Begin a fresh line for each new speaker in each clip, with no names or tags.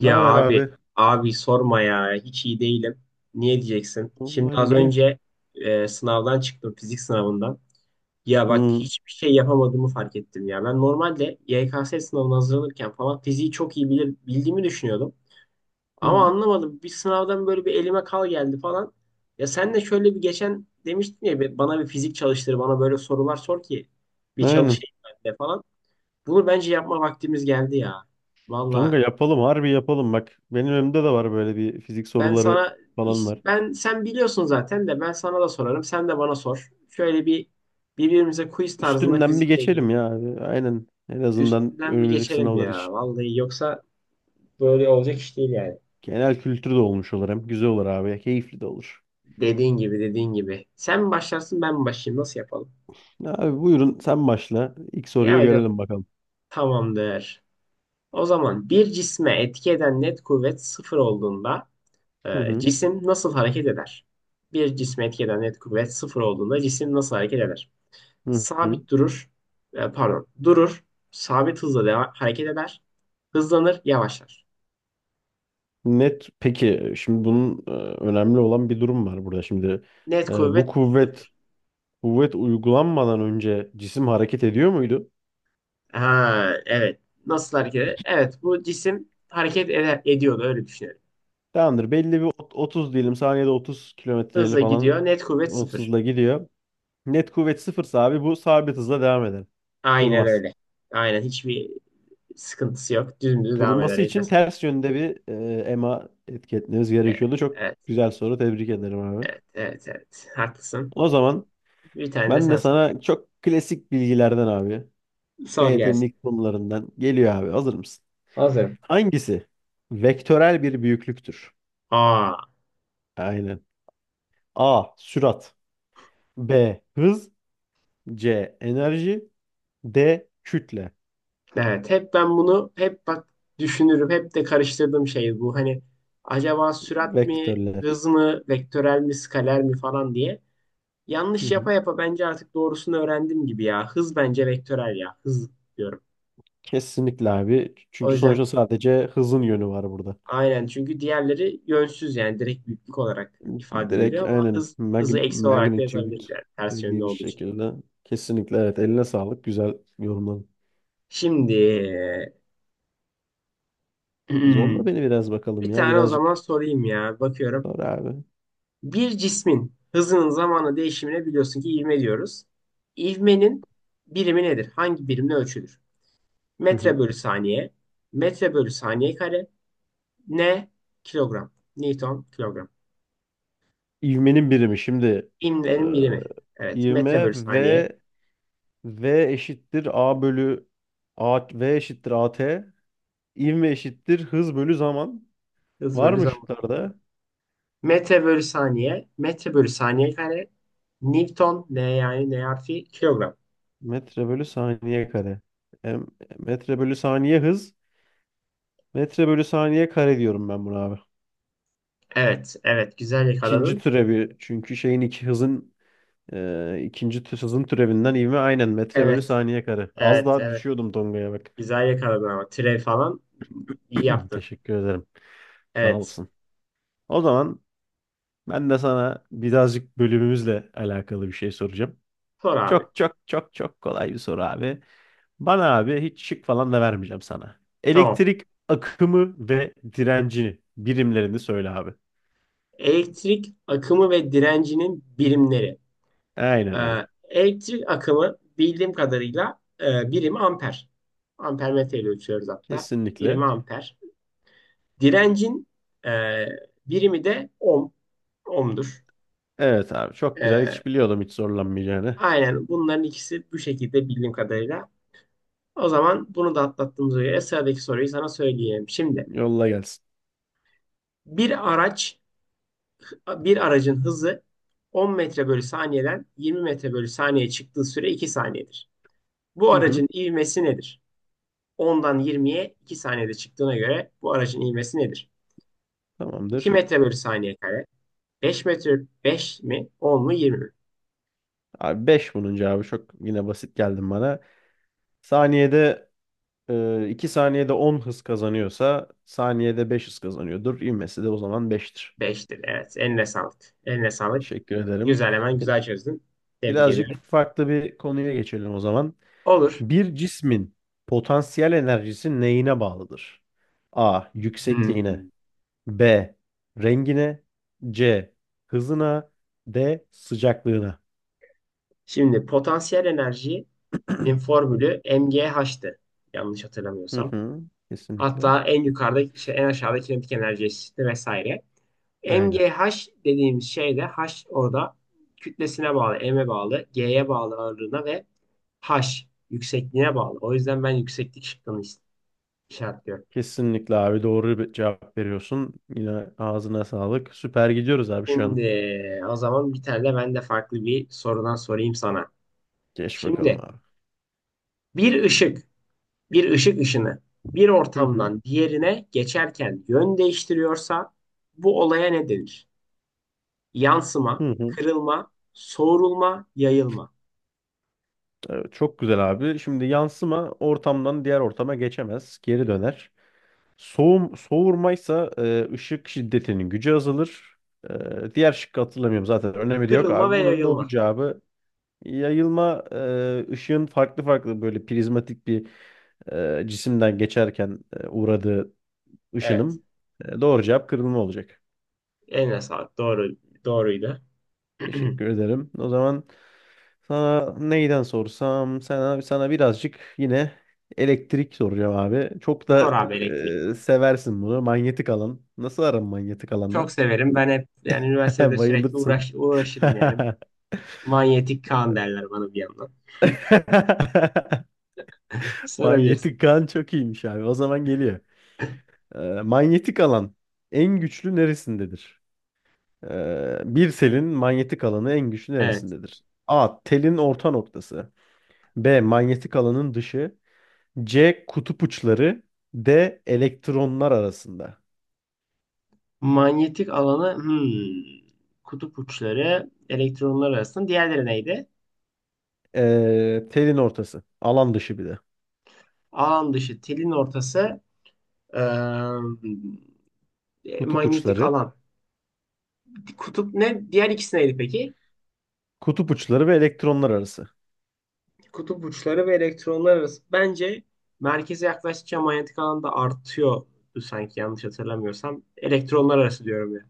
Ne
Ya
haber
abi,
abi?
abi sorma ya. Hiç iyi değilim. Niye diyeceksin?
Oğlum
Şimdi
Hacı
az
niye?
önce sınavdan çıktım, fizik sınavından. Ya bak
Hı,
hiçbir şey yapamadığımı fark ettim ya. Ben normalde YKS sınavına hazırlanırken falan fiziği çok iyi bilir, bildiğimi düşünüyordum. Ama
hı.
anlamadım. Bir sınavdan böyle bir elime kal geldi falan. Ya sen de şöyle bir geçen demiştin ya, Bana bir fizik çalıştır, bana böyle sorular sor ki bir
Aynen.
çalışayım ben de falan." Bunu bence yapma vaktimiz geldi ya. Vallahi
Kanka yapalım, harbi yapalım bak. Benim önümde de var böyle bir fizik
Ben
soruları
sana
falan var.
ben sen biliyorsun zaten de ben sana da sorarım. Sen de bana sor. Şöyle bir birbirimize quiz tarzında
Üstünden bir
fizikle ilgili
geçelim ya abi. Aynen. En azından
üstünden bir
önümüzdeki
geçelim
sınavlar
ya.
için.
Vallahi yoksa böyle olacak iş değil yani.
Genel kültür de olmuş olur hem. Güzel olur abi. Keyifli de olur.
Dediğin gibi dediğin gibi. Sen mi başlarsın ben mi başlayayım? Nasıl yapalım?
Abi buyurun sen başla. İlk soruyu
Yani
görelim bakalım.
tamamdır. O zaman bir cisme etki eden net kuvvet sıfır olduğunda
Hı hı.
cisim nasıl hareket eder? Bir cisme etki eden net kuvvet sıfır olduğunda cisim nasıl hareket eder?
Hı hı.
Sabit durur. E, pardon. Durur. Hareket eder. Hızlanır. Yavaşlar.
Net. Peki şimdi bunun önemli olan bir durum var burada. Şimdi
Net
bu
kuvvet
kuvvet
sıfır.
kuvvet uygulanmadan önce cisim hareket ediyor muydu?
Ha, evet. Nasıl hareket eder? Evet. Bu cisim hareket eder, ediyordu. Öyle düşünelim.
Tamamdır. Belli bir 30 diyelim. Saniyede 30 kilometreyle
Hızla
falan
gidiyor. Net kuvvet sıfır.
30'la gidiyor. Net kuvvet sıfırsa abi bu sabit hızla devam eder.
Aynen
Durmaz.
öyle. Aynen. Hiçbir sıkıntısı yok. Dümdüz devam eder.
Durması
Eline
için
sağlık.
ters yönde bir EMA etki etmemiz gerekiyordu.
Evet.
Çok
Evet.
güzel soru. Tebrik ederim abi.
Evet. Evet. Evet. Haklısın.
O zaman
Bir tane de
ben de
sen sor.
sana çok klasik bilgilerden abi.
Sor
TYT'nin
gelsin.
ilk konularından geliyor abi. Hazır mısın?
Hazırım.
Hangisi vektörel bir büyüklüktür?
Aa.
Aynen. A. Sürat. B. Hız. C. Enerji. D. Kütle.
Evet, hep ben bunu hep bak düşünürüm. Hep de karıştırdığım şey bu. Hani acaba sürat mi,
Vektörler.
hız mı, vektörel mi, skaler mi falan diye.
Hı
Yanlış
hı.
yapa yapa bence artık doğrusunu öğrendim gibi ya. Hız bence vektörel ya. Hız diyorum.
Kesinlikle abi.
O
Çünkü
yüzden
sonuçta sadece hızın yönü var burada.
aynen çünkü diğerleri yönsüz yani direkt büyüklük olarak ifade
Direkt
ediliyor ama
aynen
hız hızı eksi olarak da
magnitude
yazabiliriz yani ters yönde
dediğimiz
olduğu için.
şekilde. Kesinlikle evet. Eline sağlık. Güzel yorumladın.
Şimdi
Zorla beni biraz bakalım
bir
ya.
tane o
Birazcık
zaman sorayım ya. Bakıyorum.
zor abi.
Bir cismin hızının zamanla değişimine biliyorsun ki ivme diyoruz. İvmenin birimi nedir? Hangi birimle ölçülür?
Hı
Metre
hı.
bölü saniye, metre bölü saniye kare, ne? Kilogram. Newton kilogram.
İvmenin birimi. Şimdi e,
İvmenin birimi. Evet, metre
ivme
bölü saniye,
V eşittir A bölü A, V eşittir a t. İvme eşittir hız bölü zaman.
hız
Var
bölü
mı
zaman.
şıklarda?
Metre bölü saniye, metre bölü saniye kare, Newton, ne yani ne artı kilogram.
Metre bölü saniye kare. Em- metre bölü saniye hız. Metre bölü saniye kare diyorum ben buna abi.
Evet, evet, güzel
İkinci
yakaladın.
türevi. Çünkü şeyin iki hızın hızın türevinden ivme aynen metre bölü
Evet,
saniye kare. Az
evet,
daha
evet.
düşüyordum Tonga'ya bak.
Güzel yakaladın ama. Türev falan iyi yaptın.
Teşekkür ederim. Sağ
Evet.
olsun. O zaman ben de sana birazcık bölümümüzle alakalı bir şey soracağım.
Sor abi.
Çok çok çok çok kolay bir soru abi. Bana abi hiç şık falan da vermeyeceğim sana.
Tamam.
Elektrik akımı ve direncini birimlerini söyle abi.
Elektrik akımı ve direncinin birimleri.
Aynen öyle.
Elektrik akımı bildiğim kadarıyla birim amper. Ampermetre ile ölçüyoruz hatta.
Kesinlikle.
Birimi amper. Direncin e, birimi de ohm. Ohm'dur.
Evet abi çok güzel.
Ee,
Hiç biliyordum hiç zorlanmayacağını.
aynen bunların ikisi bu şekilde bildiğim kadarıyla. O zaman bunu da atlattığımıza göre sıradaki soruyu sana söyleyeyim. Şimdi
Yolla gelsin.
bir araç bir aracın hızı 10 metre bölü saniyeden 20 metre bölü saniye çıktığı süre 2 saniyedir. Bu
Hı hı,
aracın ivmesi nedir? 10'dan 20'ye 2 saniyede çıktığına göre bu aracın ivmesi nedir? 2
tamamdır.
metre bölü saniye kare. 5 metre, 5 mi, 10 mu, 20 mi?
Abi 5 bunun cevabı çok yine basit geldin bana. Saniyede 2 saniyede 10 hız kazanıyorsa saniyede 5 hız kazanıyordur. İvmesi de o zaman beştir.
5'tir evet. Eline sağlık. Eline sağlık.
Teşekkür ederim.
Güzel hemen
E,
güzel çözdün. Tebrik
Birazcık
ediyorum.
farklı bir konuya geçelim o zaman.
Olur.
Bir cismin potansiyel enerjisi neyine bağlıdır? A. Yüksekliğine.
Hmm.
B. Rengine. C. Hızına. D. Sıcaklığına.
Şimdi potansiyel enerjinin formülü MGH'tı. Yanlış
Hı
hatırlamıyorsam.
hı, kesinlikle.
Hatta en yukarıda işte en aşağıda kinetik enerji eşitliği vesaire.
Aynen.
MGH dediğimiz şey de H orada kütlesine bağlı, M'e bağlı, G'ye bağlı ağırlığına ve H yüksekliğine bağlı. O yüzden ben yükseklik şıkkını işaretliyorum.
Kesinlikle abi doğru bir cevap veriyorsun. Yine ağzına sağlık. Süper gidiyoruz abi şu an.
Şimdi o zaman bir tane de ben de farklı bir sorudan sorayım sana.
Geç bakalım
Şimdi
abi.
bir ışık, bir ışık ışını bir
Hı hı.
ortamdan diğerine geçerken yön değiştiriyorsa bu olaya ne denir? Yansıma,
Hı hı.
kırılma, soğurulma, yayılma.
Evet, çok güzel abi. Şimdi yansıma ortamdan diğer ortama geçemez. Geri döner. Soğum, soğurmaysa ışık şiddetinin gücü azalır. Diğer şıkkı hatırlamıyorum zaten. Önemi de yok
Kırılma
abi.
ve
Bunun doğru
yayılma.
cevabı yayılma, ışığın farklı farklı böyle prizmatik bir cisimden geçerken uğradığı
Evet.
ışınım. Doğru cevap kırılma olacak.
Eline sağlık. Doğru, doğruydu.
Teşekkür ederim. O zaman sana neyden sorsam, sana birazcık yine elektrik soracağım abi. Çok
Sor
da
abi elektrik.
seversin bunu. Manyetik alan. Nasıl aran manyetik alanla?
Çok severim. Ben hep yani üniversitede sürekli
Bayılırsın.
uğraş, uğraşırım yani. Manyetik kan derler bana bir yandan. Sorabilirsin.
Manyetik alan çok iyiymiş abi. O zaman geliyor. Manyetik alan en güçlü neresindedir? Bir selin manyetik alanı en güçlü
Evet.
neresindedir? A. Telin orta noktası. B. Manyetik alanın dışı. C. Kutup uçları. D. Elektronlar arasında.
Manyetik alanı kutup uçları elektronlar arasında. Diğerleri neydi?
Telin ortası. Alan dışı bir de.
Alan dışı, telin ortası, eee,
Kutup
manyetik
uçları.
alan. Kutup ne? Diğer ikisi neydi peki?
Kutup uçları ve elektronlar arası.
Kutup uçları ve elektronlar arası. Bence merkeze yaklaştıkça manyetik alan da artıyor sanki yanlış hatırlamıyorsam. Elektronlar arası diyorum ya.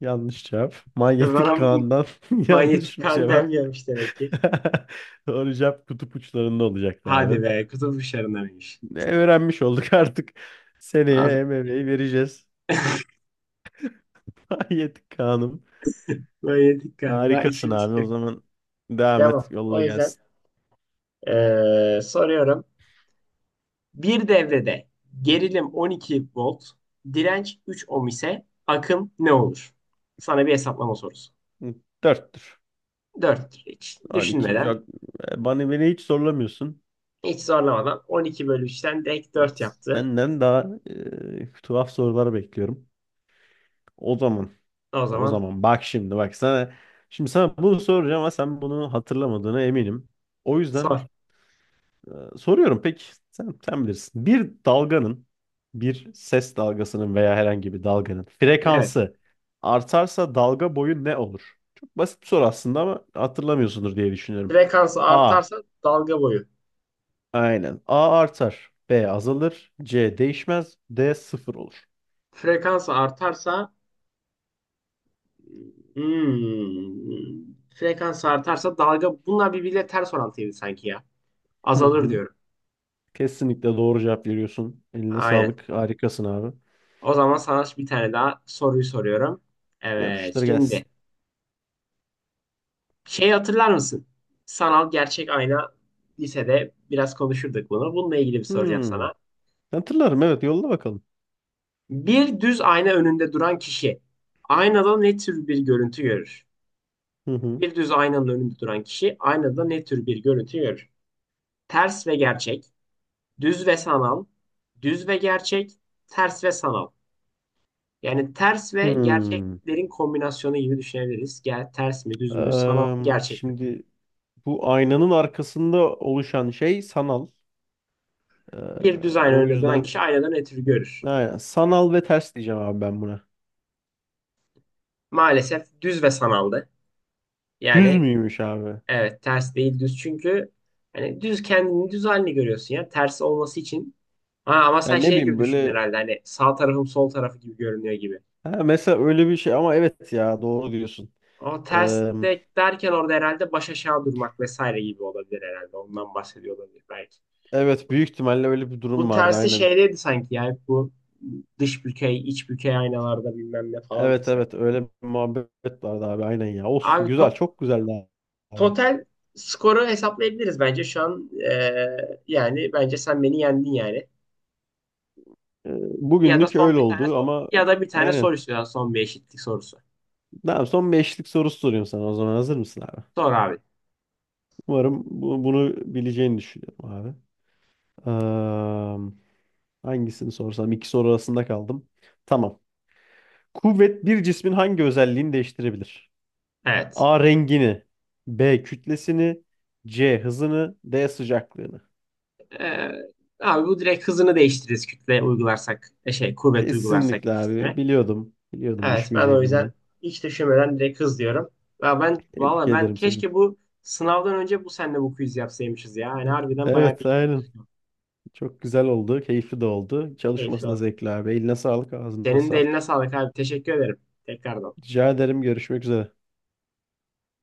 Yanlış cevap.
De
Manyetik
bana
kandan yanlış
manyetik
bir
kan
cevap.
denmiyormuş demek ki.
Doğru cevap kutup uçlarında olacaktı
Hadi
abi.
be kutup uçlarındanmış.
Öğrenmiş olduk artık.
Lazım.
Seneye MMA'yi vereceğiz. Hayet Kaan'ım.
Manyetik kan. Daha
Harikasın
işimiz
abi. O
yok.
zaman devam et.
Devam.
Yolla
O yüzden
gelsin.
eee, soruyorum. Bir devrede gerilim 12 volt, direnç 3 ohm ise akım ne olur? Sana bir hesaplama sorusu.
Dörttür.
4. Hiç
12.
düşünmeden.
Bana beni hiç zorlamıyorsun.
Hiç zorlamadan 12 bölü 3'ten direkt 4 yaptı.
Senden daha tuhaf sorular bekliyorum. O zaman.
O
O
zaman
zaman bak şimdi bak sana. Şimdi sana bunu soracağım ama sen bunu hatırlamadığına eminim. O yüzden
sor.
Soruyorum peki sen bilirsin. Bir ses dalgasının veya herhangi bir dalganın
Evet.
frekansı artarsa dalga boyu ne olur? Çok basit bir soru aslında ama hatırlamıyorsundur diye düşünüyorum.
Frekansı
A.
artarsa dalga boyu.
Aynen. A artar. B azalır. C değişmez. D sıfır olur.
Frekansı artarsa, frekansı artarsa dalga, bunlar birbiriyle ters orantıydı sanki ya.
Hı
Azalır
hı.
diyorum.
Kesinlikle doğru cevap veriyorsun. Eline
Aynen.
sağlık. Harikasın abi.
O zaman sana bir tane daha soruyu soruyorum. Evet
Yapıştır
şimdi
gelsin.
şey hatırlar mısın? Sanal gerçek ayna lisede biraz konuşurduk bunu. Bununla ilgili bir soracağım
Hmm.
sana.
Hatırlarım evet, yolla bakalım.
Bir düz ayna önünde duran kişi aynada ne tür bir görüntü görür?
Hı hı.
Bir düz aynanın önünde duran kişi aynada ne tür bir görüntü görür? Ters ve gerçek, düz ve sanal, düz ve gerçek, ters ve sanal. Yani ters ve
Hmm.
gerçeklerin kombinasyonu gibi düşünebiliriz. Gel, ters mi, düz mü, sanal mı,
Eee,
gerçek mi?
şimdi bu aynanın arkasında oluşan şey sanal. Ee,
Bir düz ayna
o
önünde duran
yüzden
kişi aynada ne tür görür?
aynen, sanal ve ters diyeceğim abi ben buna.
Maalesef düz ve sanaldı.
Düz
Yani
müymüş abi?
evet, ters değil düz çünkü hani düz kendini, düz halini görüyorsun ya ters olması için. Ha, ama sen
Yani ne
şey gibi
bileyim
düşün
böyle,
herhalde, hani sağ tarafım sol tarafı gibi görünüyor gibi.
ha, mesela öyle bir şey, ama evet ya doğru diyorsun.
O ters
Ee,
de derken orada herhalde baş aşağı durmak vesaire gibi olabilir herhalde. Ondan bahsediyor olabilir belki.
evet büyük ihtimalle öyle bir
Bu
durum vardı
tersi
aynen.
şeydeydi sanki yani bu dış bükey, iç bükey aynalarda bilmem ne falan mı
Evet,
sanki?
evet öyle bir muhabbet vardı abi aynen ya. Olsun,
Abi
güzel, çok güzeldi abi.
total skoru hesaplayabiliriz bence şu an. Yani bence sen beni yendin yani.
Ee,
Ya da
bugünlük
son
öyle
bir tane
oldu ama
ya da bir tane soru
aynen.
istiyorlar. Son bir eşitlik sorusu.
Tamam, son beşlik sorusu soruyorum sana o zaman, hazır mısın abi?
Sor abi.
Umarım bunu bileceğini düşünüyorum abi. Am, hangisini sorsam? İki soru arasında kaldım. Tamam. Kuvvet bir cismin hangi özelliğini değiştirebilir?
Evet.
A. Rengini. B. Kütlesini. C. Hızını. D. Sıcaklığını.
Ee, Abi bu direkt hızını değiştiririz kütle uygularsak. Şey kuvvet uygularsak
Kesinlikle
bir
abi.
cisme.
Biliyordum. Biliyordum
Evet ben o
düşmeyeceğini
yüzden
buna.
hiç düşünmeden direkt hız diyorum. Ya ben
Tebrik
valla, ben
ederim seni.
keşke bu sınavdan önce bu senle bu quiz yapsaymışız ya. Yani harbiden bayağı bir
Evet, aynen. Çok güzel oldu. Keyifli de oldu.
keyifli
Çalışması da
o.
zevkli abi. Eline sağlık, ağzına
Senin de eline
sağlık.
sağlık abi. Teşekkür ederim. Tekrardan.
Rica ederim. Görüşmek üzere.